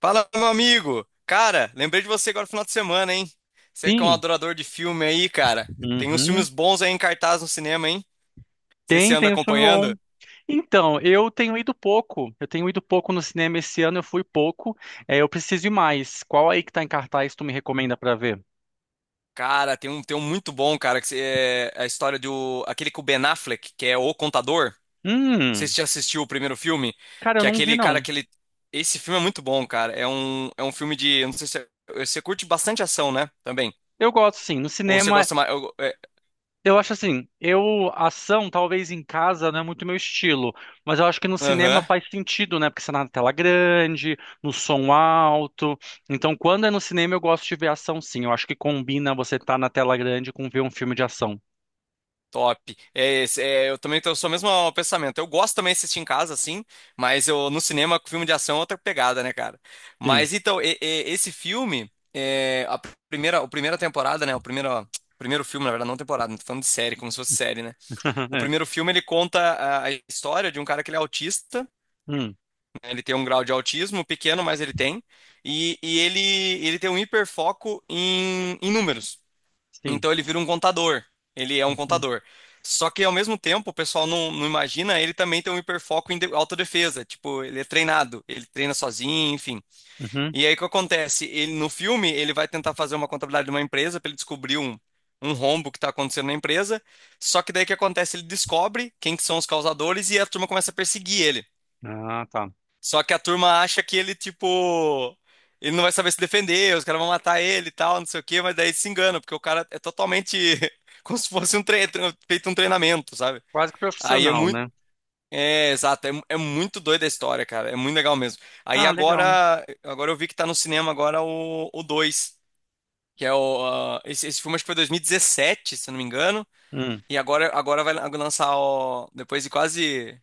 Fala, meu amigo! Cara, lembrei de você agora no final de semana, hein? Você que é um Sim, adorador de filme aí, cara. Tem uns uhum. filmes bons aí em cartaz no cinema, hein? Não sei se você Tem, anda tem um filme bom. acompanhando. Então, eu tenho ido pouco. Eu tenho ido pouco no cinema esse ano, eu fui pouco. É, eu preciso ir mais. Qual aí que tá em cartaz tu me recomenda pra ver? Cara, tem um muito bom, cara, que é a história do... Aquele com o Ben Affleck, que é O Contador. Não sei se Hum, você já assistiu o primeiro filme, cara, eu que é não vi aquele, cara, não. aquele... Esse filme é muito bom, cara. É um filme de... eu não sei se você curte bastante ação, né? Também. Eu gosto sim. No Ou você cinema, gosta mais... eu acho assim, eu ação talvez em casa não é muito meu estilo, mas eu acho que no cinema Aham. faz sentido, né? Porque você tá na tela grande, no som alto. Então, quando é no cinema eu gosto de ver ação sim. Eu acho que combina você estar na tela grande com ver um filme de ação. Top. É, é, eu também tenho o mesmo pensamento. Eu gosto também de assistir em casa, assim, mas eu no cinema, com filme de ação é outra pegada, né, cara? Sim. Mas então, esse filme, é, a primeira temporada, né? O primeiro, ó, primeiro filme, na verdade, não temporada, não tô falando de série, como se fosse série, né? O É. primeiro filme ele conta a história de um cara que ele é autista, Hum, né. Ele tem um grau de autismo pequeno, mas ele tem, e, e ele, ele tem um hiperfoco em números. sim. Então ele vira um contador. Ele é um Uhum. contador. Só que ao mesmo tempo, o pessoal não imagina, ele também tem um hiperfoco em autodefesa. Tipo, ele é treinado, ele treina sozinho, enfim. Uhum. E aí o que acontece? Ele no filme, ele vai tentar fazer uma contabilidade de uma empresa para ele descobrir um rombo que está acontecendo na empresa. Só que daí o que acontece? Ele descobre quem que são os causadores e a turma começa a perseguir ele. Ah, tá. Só que a turma acha que ele, tipo, ele não vai saber se defender, os caras vão matar ele e tal, não sei o quê, mas daí se engana, porque o cara é totalmente como se fosse um feito um treinamento, sabe? Quase que Aí é profissional, muito. né? É, exato, é, é muito doida a história, cara. É muito legal mesmo. Aí Ah, legal. agora, agora eu vi que tá no cinema agora o 2, que é o. Ah, esse filme acho que foi 2017, se eu não me engano. Hum, E agora, agora vai lançar o. Depois de quase.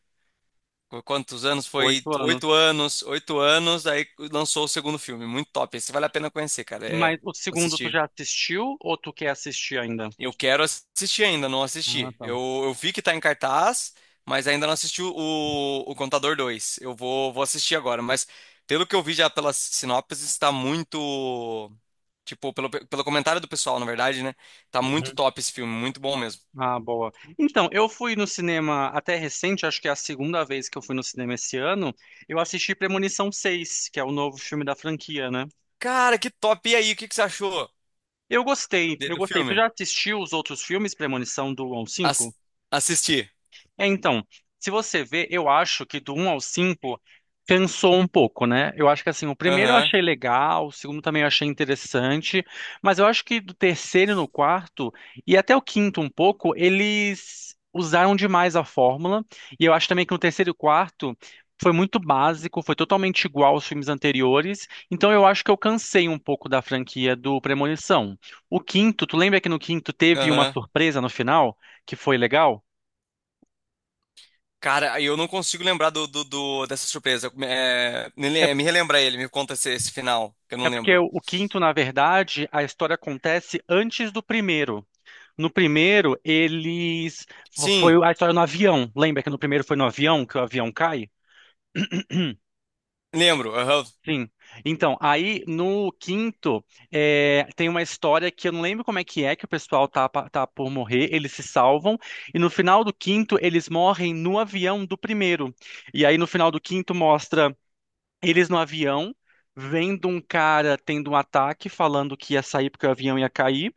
Quantos anos? Foi 8 anos. Oito anos, aí lançou o segundo filme. Muito top. Esse vale a pena conhecer, cara. É Mas o segundo tu assistir. já assistiu ou tu quer assistir ainda? Eu quero assistir ainda, não Ah, assisti. tá. Eu vi que tá em cartaz, mas ainda não assisti o Contador 2. Eu vou, vou assistir agora, mas pelo que eu vi já pelas sinopses, está muito. Tipo, pelo comentário do pessoal, na verdade, né? Tá muito Uhum. top esse filme, muito bom mesmo. Ah, boa. Então, eu fui no cinema até recente, acho que é a segunda vez que eu fui no cinema esse ano. Eu assisti Premonição seis, que é o novo filme da franquia, né? Cara, que top! E aí, o que que você achou Eu gostei, eu do gostei. Tu filme? já assistiu os outros filmes, Premonição do 1 ao As, 5? assisti. É, então, se você vê, eu acho que do um ao 5 cansou um pouco, né? Eu acho que assim, o primeiro eu Aham, achei legal, o segundo também eu achei interessante, mas eu acho que do terceiro no quarto e até o quinto um pouco, eles usaram demais a fórmula, e eu acho também que no terceiro e quarto foi muito básico, foi totalmente igual aos filmes anteriores, então eu acho que eu cansei um pouco da franquia do Premonição. O quinto, tu lembra que no quinto teve uma aham. surpresa no final que foi legal? Cara, eu não consigo lembrar dessa surpresa. É, É me relembra ele, me conta esse final, que eu não É, porque lembro. o quinto, na verdade, a história acontece antes do primeiro. No primeiro, eles. Sim, Foi a história no avião. Lembra que no primeiro foi no avião que o avião cai? lembro. Aham. Sim. Então, aí no quinto, tem uma história que eu não lembro como é, que o pessoal tá, tá por morrer, eles se salvam, e no final do quinto, eles morrem no avião do primeiro. E aí no final do quinto mostra eles no avião, vendo um cara tendo um ataque, falando que ia sair porque o avião ia cair.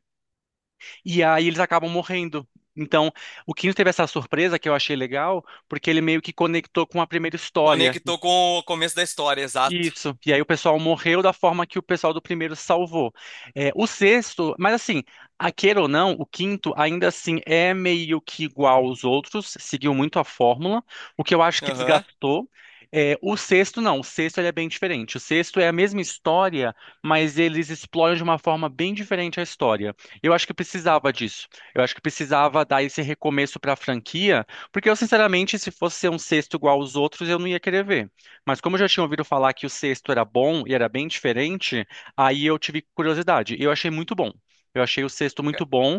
E aí eles acabam morrendo. Então, o quinto teve essa surpresa que eu achei legal, porque ele meio que conectou com a primeira história. Conectou com o começo da história, exato. Isso. E aí o pessoal morreu da forma que o pessoal do primeiro salvou. É, o sexto, mas assim, a queira ou não, o quinto ainda assim é meio que igual aos outros, seguiu muito a fórmula. O que eu acho que Aham. desgastou. É, o sexto não, o sexto ele é bem diferente. O sexto é a mesma história, mas eles exploram de uma forma bem diferente a história. Eu acho que precisava disso. Eu acho que precisava dar esse recomeço para a franquia, porque eu sinceramente, se fosse ser um sexto igual aos outros, eu não ia querer ver. Mas como eu já tinha ouvido falar que o sexto era bom e era bem diferente, aí eu tive curiosidade. E eu achei muito bom. Eu achei o sexto muito bom,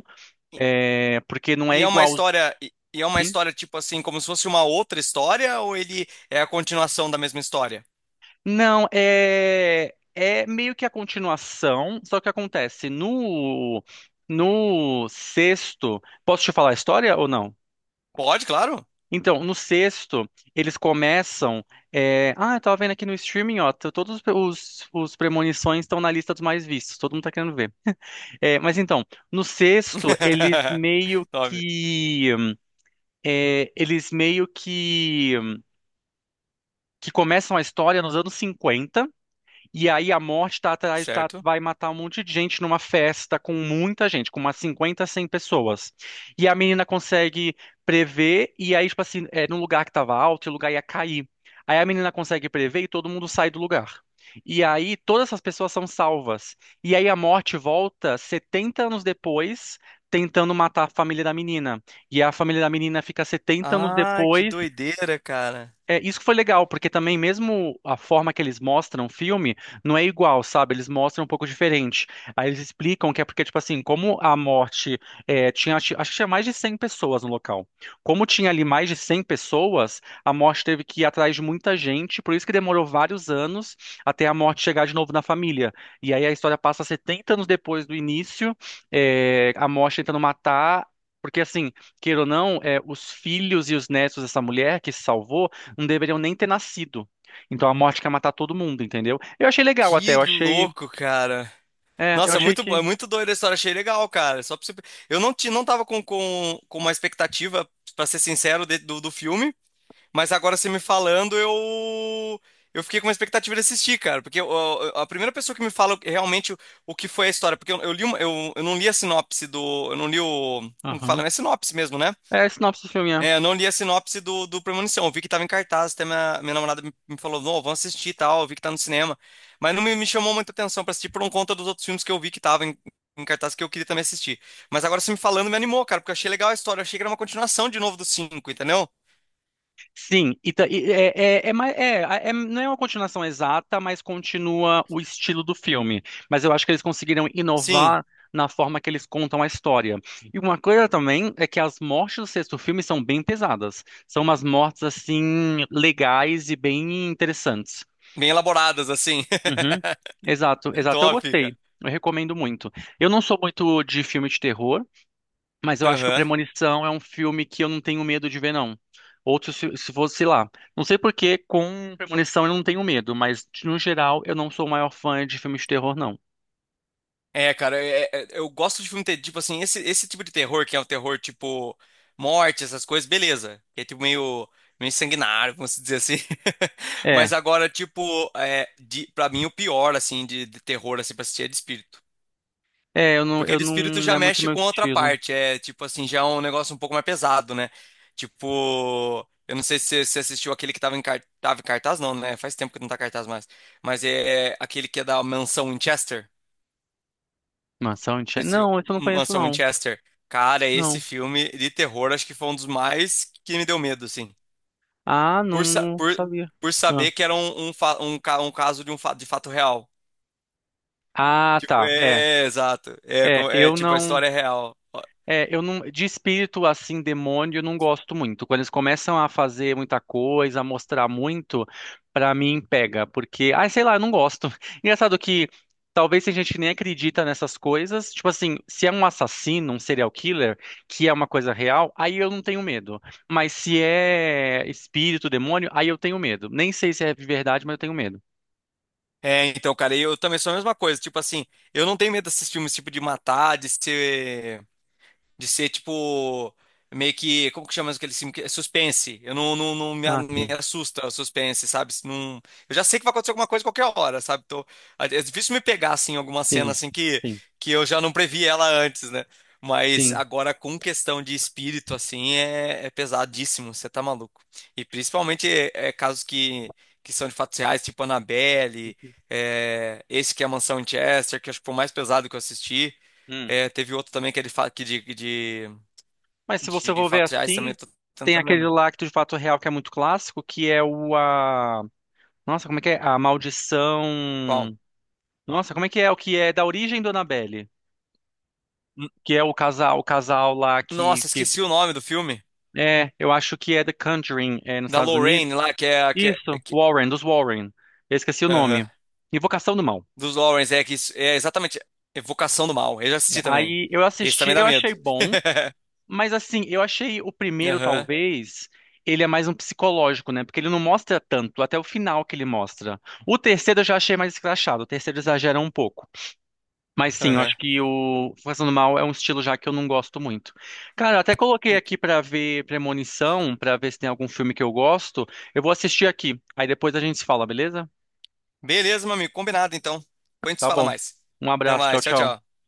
E, porque não é igual. E é uma quin- história tipo assim, como se fosse uma outra história, ou ele é a continuação da mesma história? Não, é meio que a continuação, só que acontece no sexto. Posso te falar a história ou não? Pode, claro. Então, no sexto, eles começam. Ah, eu tava vendo aqui no streaming, ó. Todos os premonições estão na lista dos mais vistos. Todo mundo tá querendo ver. É, mas então, no sexto, eles meio Top, que. Eles meio que. Que começam a história nos anos 50. E aí a morte tá atrás, tá, certo? vai matar um monte de gente numa festa com muita gente, com umas 50, 100 pessoas. E a menina consegue prever, e aí, tipo assim, no lugar que tava alto, o lugar ia cair. Aí a menina consegue prever e todo mundo sai do lugar. E aí todas essas pessoas são salvas. E aí a morte volta 70 anos depois, tentando matar a família da menina. E a família da menina fica 70 anos Ah, que depois, doideira, cara. Isso que foi legal, porque também mesmo a forma que eles mostram o filme não é igual, sabe? Eles mostram um pouco diferente. Aí eles explicam que é porque, tipo assim, como a morte tinha, acho que tinha mais de 100 pessoas no local. Como tinha ali mais de 100 pessoas, a morte teve que ir atrás de muita gente, por isso que demorou vários anos até a morte chegar de novo na família. E aí a história passa 70 anos depois do início, a morte tentando matar. Porque, assim, queira ou não, os filhos e os netos dessa mulher que se salvou não deveriam nem ter nascido. Então a morte quer matar todo mundo, entendeu? Eu achei legal até, Que eu achei. louco, cara. É, eu Nossa, achei que. é muito doida a história, achei legal, cara. Só pra você... Eu não, não tava com, com uma expectativa, pra ser sincero, do, do filme, mas agora você me falando, eu fiquei com uma expectativa de assistir, cara. Porque a primeira pessoa que me fala realmente o que foi a história, porque eu, eu não li a sinopse do. Eu não li o. Como que Aham. fala? É sinopse mesmo, né? É, a sinopse do filme, é. É, eu não li a sinopse do Premonição. Eu vi que tava em cartaz, até minha namorada me falou, não, vamos assistir e tal, eu vi que tá no cinema. Mas não me chamou muita atenção pra assistir por um conta dos outros filmes que eu vi que tava em, em cartaz que eu queria também assistir. Mas agora você me falando me animou, cara, porque eu achei legal a história. Eu achei que era uma continuação de novo do cinco, entendeu? Sim, e, e é, não é uma continuação exata, mas continua o estilo do filme. Mas eu acho que eles conseguiram Sim, inovar na forma que eles contam a história. E uma coisa também é que as mortes do sexto filme são bem pesadas. São umas mortes, assim, legais e bem interessantes. bem elaboradas, assim. Uhum. Exato, exato. Eu Top, cara. gostei. Eu recomendo muito. Eu não sou muito de filme de terror, mas eu acho que o Aham. Premonição é um filme que eu não tenho medo de ver, não. Outro, se fosse sei lá. Não sei por que com Premonição eu não tenho medo, mas no geral eu não sou o maior fã de filme de terror, não. É, cara, é, eu gosto de filme ter, tipo assim, esse tipo de terror, que é o terror tipo morte, essas coisas, beleza. Que é tipo meio, meio sanguinário, vamos dizer assim. É, Mas agora, tipo, é, de, pra mim o pior, assim, de terror, assim, pra assistir é de espírito. é, eu não, Porque de espírito não já é muito mexe meu com outra estilo. parte, é tipo assim, já é um negócio um pouco mais pesado, né? Tipo, eu não sei se você assistiu aquele que tava em, tava em cartaz, não, né? Faz tempo que não tá em cartaz mais. Mas é, é aquele que é da mansão Winchester. Mansão Unchained? Esse Não, isso eu não conheço, Mansão não. Winchester. Cara, esse Não. filme de terror acho que foi um dos mais que me deu medo, assim. Ah, não, Por, sa- não por, sabia. por Ah, saber que era um caso de um fato, de fato real. ah, Tipo, tá. É, é, é, exato. É, é, é eu tipo, a não. história é real. É, eu não, de espírito assim, demônio, eu não gosto muito. Quando eles começam a fazer muita coisa, a mostrar muito, pra mim pega, porque, ai, sei lá, eu não gosto. Engraçado que talvez tem gente que nem acredita nessas coisas. Tipo assim, se é um assassino, um serial killer, que é uma coisa real, aí eu não tenho medo. Mas se é espírito, demônio, aí eu tenho medo. Nem sei se é verdade, mas eu tenho medo. É, então, cara, eu também sou a mesma coisa. Tipo assim, eu não tenho medo desses filmes, tipo, de matar, de ser. De ser tipo. Meio que. Como que chama aquele filme? Que é Suspense. Eu não, não Ah, me sim, assusta o suspense, sabe? Se não, eu já sei que vai acontecer alguma coisa a qualquer hora, sabe? Então, é é difícil me pegar, assim, alguma cena sim, assim sim, que eu já não previ ela antes, né? Mas agora, com questão de espírito, assim, é, é pesadíssimo, você tá maluco. E principalmente é, é casos que são de fatos reais, tipo Annabelle, é, esse que é a Mansão em Chester, que acho que foi o mais pesado que eu assisti. sim. É, teve outro também que ele fala que Mas se você de for ver fatos reais também, assim, tô tem tentando aquele lembrar. lá Lacto de Fato Real que é muito clássico, que é o a... Nossa, como é que é? A Qual? Maldição... Nossa, como é que é? O que é da origem do Annabelle? N- Que é o casal lá Nossa, que... esqueci o nome do filme. É, eu acho que é The Conjuring, nos Da Estados Unidos. Lorraine lá, que é. Isso, Warren, dos Warren. Eu esqueci o Aham. nome. Invocação do Mal. Dos Lawrence, é que é exatamente Evocação do Mal. Eu já É. assisti também. Aí eu Esse assisti, também dá eu medo. achei bom. Mas assim, eu achei o primeiro, Aham, talvez, ele é mais um psicológico, né? Porque ele não mostra tanto, até o final que ele mostra. O terceiro eu já achei mais escrachado, o terceiro exagera um pouco. Mas sim, eu aham. acho que o Fazendo Mal é um estilo já que eu não gosto muito. Cara, eu até coloquei aqui pra ver Premonição, pra ver se tem algum filme que eu gosto. Eu vou assistir aqui, aí depois a gente se fala, beleza? Beleza, meu amigo, combinado então. Depois a gente se Tá fala bom. mais. Um Até abraço, tchau, mais, tchau, tchau. tchau.